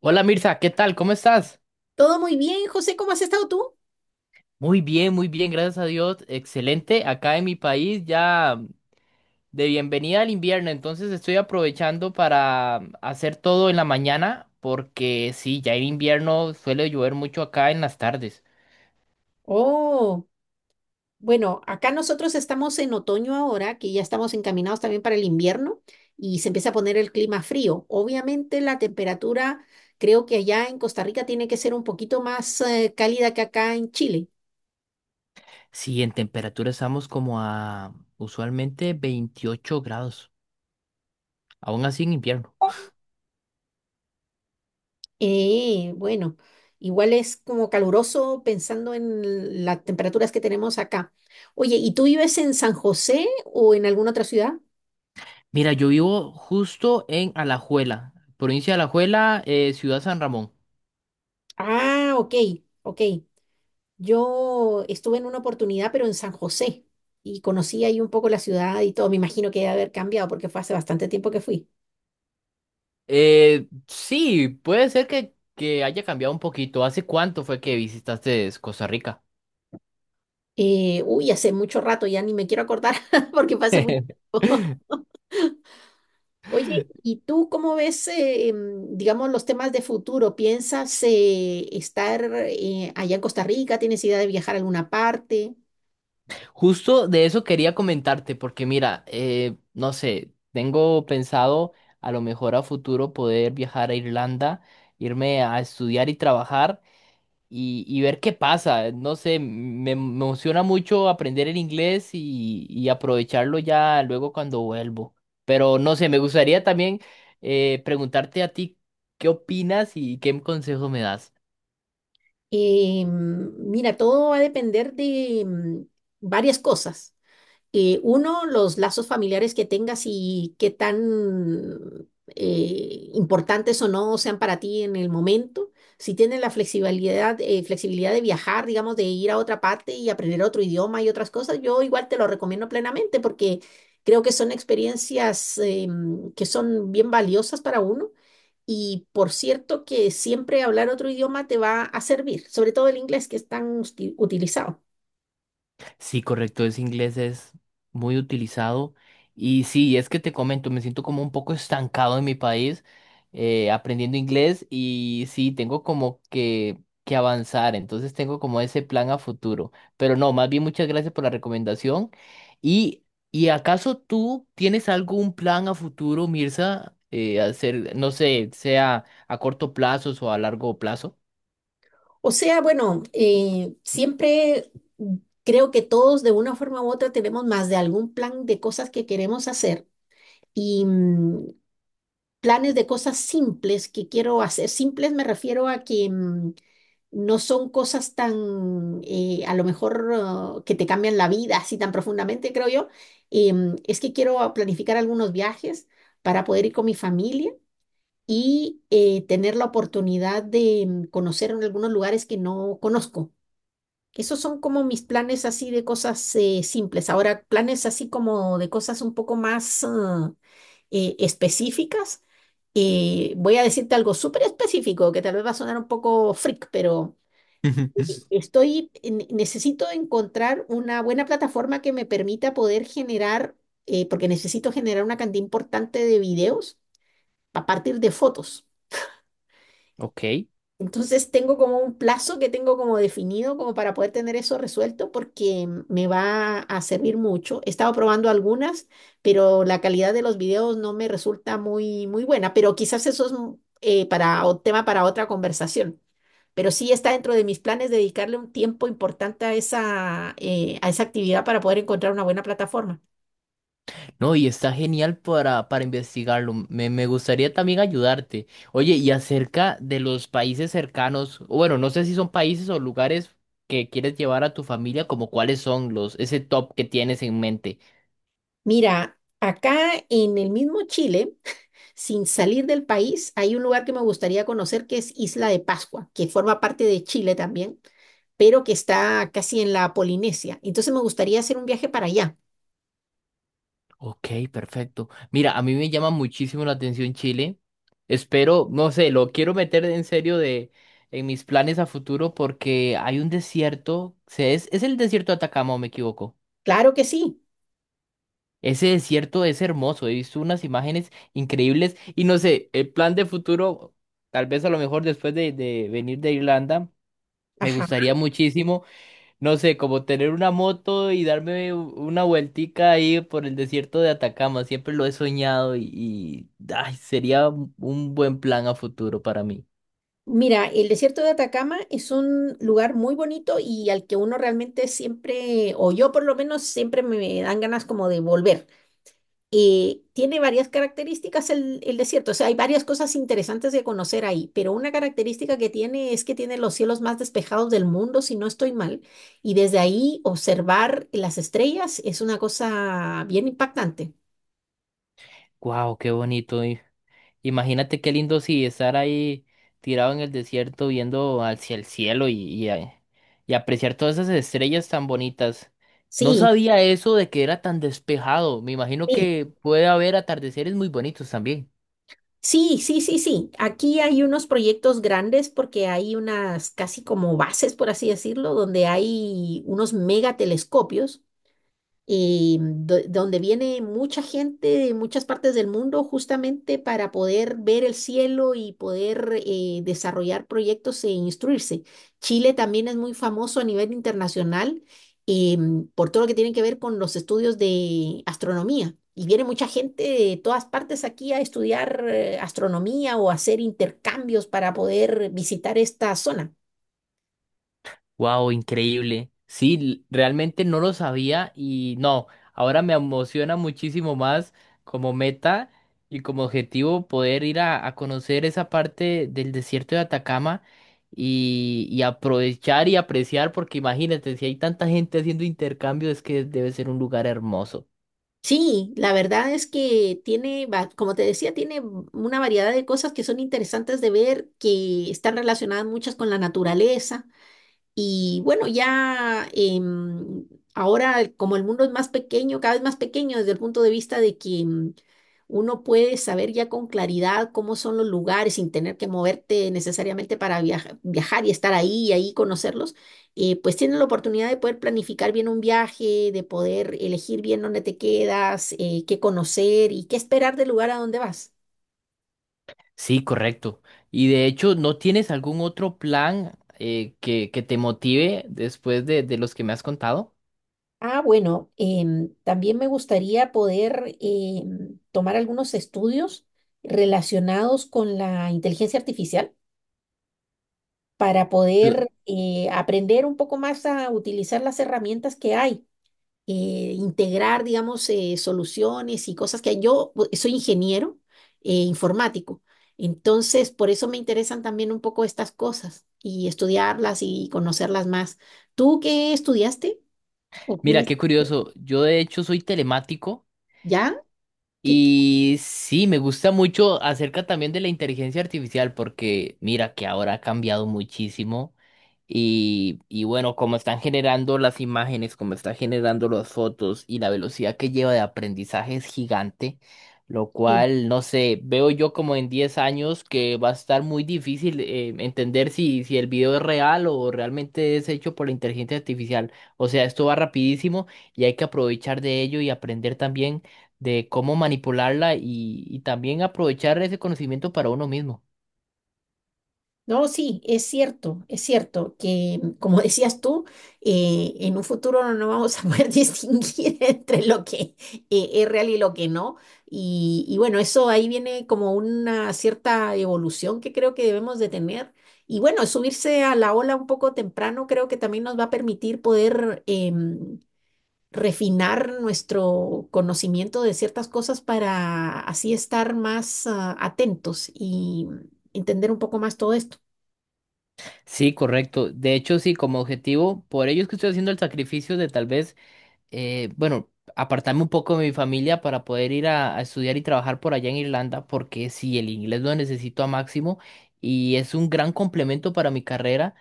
Hola Mirza, ¿qué tal? ¿Cómo estás? Todo muy bien, José, ¿cómo has estado tú? Muy bien, gracias a Dios. Excelente. Acá en mi país ya de bienvenida al invierno, entonces estoy aprovechando para hacer todo en la mañana porque sí, ya en invierno suele llover mucho acá en las tardes. Oh, bueno, acá nosotros estamos en otoño ahora, que ya estamos encaminados también para el invierno y se empieza a poner el clima frío. Obviamente la temperatura, creo que allá en Costa Rica tiene que ser un poquito más cálida que acá en Chile. Sí, en temperatura estamos como a usualmente 28 grados, aún así en invierno. Bueno, igual es como caluroso pensando en las temperaturas que tenemos acá. Oye, ¿y tú vives en San José o en alguna otra ciudad? Mira, yo vivo justo en Alajuela, provincia de Alajuela, ciudad San Ramón. Ah, ok, ok. Yo estuve en una oportunidad, pero en San José, y conocí ahí un poco la ciudad y todo. Me imagino que debe haber cambiado porque fue hace bastante tiempo que fui. Sí, puede ser que haya cambiado un poquito. ¿Hace cuánto fue que visitaste Costa Rica? Uy, hace mucho rato, ya ni me quiero acordar porque fue hace mucho tiempo. Oye, ¿y tú cómo ves, digamos, los temas de futuro? ¿Piensas estar allá en Costa Rica? ¿Tienes idea de viajar a alguna parte? Justo de eso quería comentarte, porque mira, no sé, tengo pensado a lo mejor a futuro poder viajar a Irlanda, irme a estudiar y trabajar. Y ver qué pasa. No sé, me emociona mucho aprender el inglés y aprovecharlo ya luego cuando vuelvo. Pero no sé, me gustaría también preguntarte a ti qué opinas y qué consejo me das. Mira, todo va a depender de varias cosas. Uno, los lazos familiares que tengas y qué tan importantes o no sean para ti en el momento. Si tienes la flexibilidad, flexibilidad de viajar, digamos, de ir a otra parte y aprender otro idioma y otras cosas, yo igual te lo recomiendo plenamente porque creo que son experiencias que son bien valiosas para uno. Y por cierto que siempre hablar otro idioma te va a servir, sobre todo el inglés que es tan utilizado. Sí, correcto, ese inglés es muy utilizado. Y sí, es que te comento, me siento como un poco estancado en mi país aprendiendo inglés y sí, tengo como que avanzar, entonces tengo como ese plan a futuro. Pero no, más bien muchas gracias por la recomendación. ¿Y, y acaso tú tienes algún plan a futuro, Mirza, hacer, no sé, sea a corto plazo o a largo plazo? O sea, bueno, siempre creo que todos de una forma u otra tenemos más de algún plan de cosas que queremos hacer y planes de cosas simples que quiero hacer. Simples me refiero a que no son cosas tan, a lo mejor, que te cambian la vida así tan profundamente, creo yo. Es que quiero planificar algunos viajes para poder ir con mi familia y tener la oportunidad de conocer en algunos lugares que no conozco. Esos son como mis planes así de cosas simples. Ahora, planes así como de cosas un poco más específicas. Voy a decirte algo súper específico que tal vez va a sonar un poco freak, pero necesito encontrar una buena plataforma que me permita poder generar, porque necesito generar una cantidad importante de videos a partir de fotos. Ok. Entonces tengo como un plazo que tengo como definido como para poder tener eso resuelto porque me va a servir mucho. He estado probando algunas, pero la calidad de los videos no me resulta muy buena, pero quizás eso es un, tema para otra conversación. Pero sí está dentro de mis planes dedicarle un tiempo importante a esa actividad para poder encontrar una buena plataforma. No, y está genial para investigarlo. Me gustaría también ayudarte. Oye, y acerca de los países cercanos, o bueno, no sé si son países o lugares que quieres llevar a tu familia, como cuáles son ese top que tienes en mente. Mira, acá en el mismo Chile. Sin salir del país, hay un lugar que me gustaría conocer que es Isla de Pascua, que forma parte de Chile también, pero que está casi en la Polinesia. Entonces me gustaría hacer un viaje para allá. Ok, perfecto. Mira, a mí me llama muchísimo la atención Chile. Espero, no sé, lo quiero meter en serio en mis planes a futuro porque hay un desierto, es el desierto de Atacama, ¿o me equivoco? Claro que sí. Ese desierto es hermoso, he visto unas imágenes increíbles y no sé, el plan de futuro, tal vez a lo mejor después de venir de Irlanda, me Ajá. gustaría muchísimo, no sé, como tener una moto y darme una vueltica ahí por el desierto de Atacama, siempre lo he soñado y, ay, sería un buen plan a futuro para mí. Mira, el desierto de Atacama es un lugar muy bonito y al que uno realmente siempre, o yo por lo menos, siempre me dan ganas como de volver. Tiene varias características el desierto, o sea, hay varias cosas interesantes de conocer ahí, pero una característica que tiene es que tiene los cielos más despejados del mundo, si no estoy mal, y desde ahí observar las estrellas es una cosa bien impactante. Wow, qué bonito. Imagínate qué lindo si estar ahí tirado en el desierto viendo hacia el cielo y y apreciar todas esas estrellas tan bonitas. No Sí, sabía eso de que era tan despejado. Me imagino sí. que puede haber atardeceres muy bonitos también. Sí, sí, sí, sí. Aquí hay unos proyectos grandes porque hay unas casi como bases, por así decirlo, donde hay unos megatelescopios donde viene mucha gente de muchas partes del mundo justamente para poder ver el cielo y poder desarrollar proyectos e instruirse. Chile también es muy famoso a nivel internacional eh, por todo lo que tiene que ver con los estudios de astronomía. Y viene mucha gente de todas partes aquí a estudiar astronomía o hacer intercambios para poder visitar esta zona. Wow, increíble. Sí, realmente no lo sabía y no, ahora me emociona muchísimo más como meta y como objetivo poder ir a conocer esa parte del desierto de Atacama y aprovechar y apreciar, porque imagínate, si hay tanta gente haciendo intercambio, es que debe ser un lugar hermoso. Sí, la verdad es que tiene, como te decía, tiene una variedad de cosas que son interesantes de ver, que están relacionadas muchas con la naturaleza. Y bueno, ya ahora como el mundo es más pequeño, cada vez más pequeño desde el punto de vista de que uno puede saber ya con claridad cómo son los lugares sin tener que moverte necesariamente para viajar y estar ahí y ahí conocerlos, pues tienes la oportunidad de poder planificar bien un viaje, de poder elegir bien dónde te quedas, qué conocer y qué esperar del lugar a donde vas. Sí, correcto. Y de hecho, ¿no tienes algún otro plan que te motive después de los que me has contado? Ah, bueno, también me gustaría poder tomar algunos estudios relacionados con la inteligencia artificial para poder aprender un poco más a utilizar las herramientas que hay, integrar, digamos, soluciones y cosas que hay. Soy ingeniero informático, entonces por eso me interesan también un poco estas cosas y estudiarlas y conocerlas más. ¿Tú qué estudiaste? ¿O qué Mira, es- qué curioso. Yo de hecho soy telemático. ¿Ya? ¿Qué- Y sí, me gusta mucho acerca también de la inteligencia artificial porque mira que ahora ha cambiado muchísimo y bueno, como están generando las imágenes, como están generando las fotos y la velocidad que lleva de aprendizaje es gigante, lo qué- cual, no sé, veo yo como en 10 años que va a estar muy difícil entender si el video es real o realmente es hecho por la inteligencia artificial. O sea, esto va rapidísimo y hay que aprovechar de ello y aprender también de cómo manipularla y también aprovechar ese conocimiento para uno mismo. No, sí, es cierto que, como decías tú, en un futuro no vamos a poder distinguir entre lo que es real y lo que no. Y bueno, eso ahí viene como una cierta evolución que creo que debemos de tener. Y bueno, subirse a la ola un poco temprano creo que también nos va a permitir poder refinar nuestro conocimiento de ciertas cosas para así estar más atentos y entender un poco más todo esto. Sí, correcto. De hecho, sí, como objetivo, por ello es que estoy haciendo el sacrificio de tal vez, eh, bueno, apartarme un poco de mi familia para poder ir a estudiar y trabajar por allá en Irlanda, porque sí, el inglés lo necesito a máximo y es un gran complemento para mi carrera.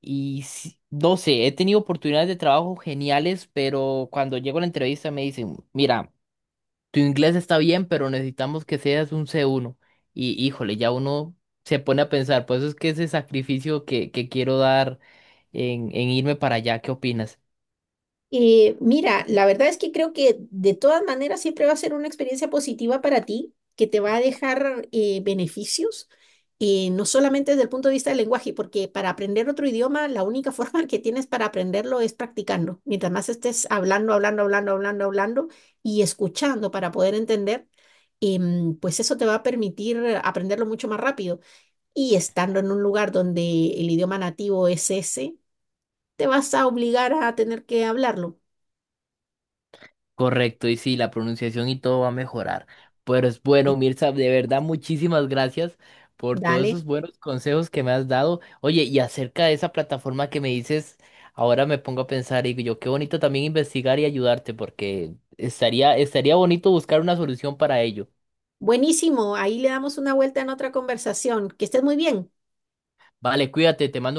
Y sí, no sé, he tenido oportunidades de trabajo geniales, pero cuando llego a la entrevista me dicen, mira, tu inglés está bien, pero necesitamos que seas un C1. Y híjole, ya uno se pone a pensar, por eso es que ese sacrificio que quiero dar en irme para allá, ¿qué opinas? Mira, la verdad es que creo que de todas maneras siempre va a ser una experiencia positiva para ti, que te va a dejar beneficios, no solamente desde el punto de vista del lenguaje, porque para aprender otro idioma, la única forma que tienes para aprenderlo es practicando. Mientras más estés hablando, hablando, hablando, hablando, hablando y escuchando para poder entender, pues eso te va a permitir aprenderlo mucho más rápido. Y estando en un lugar donde el idioma nativo es ese, te vas a obligar a tener que hablarlo. Correcto, y sí, la pronunciación y todo va a mejorar. Pero es bueno, Mirza, de verdad, muchísimas gracias por todos Dale. esos buenos consejos que me has dado. Oye, y acerca de esa plataforma que me dices, ahora me pongo a pensar y digo yo, qué bonito también investigar y ayudarte, porque estaría bonito buscar una solución para ello. Buenísimo. Ahí le damos una vuelta en otra conversación. Que estés muy bien. Vale, cuídate, te mando un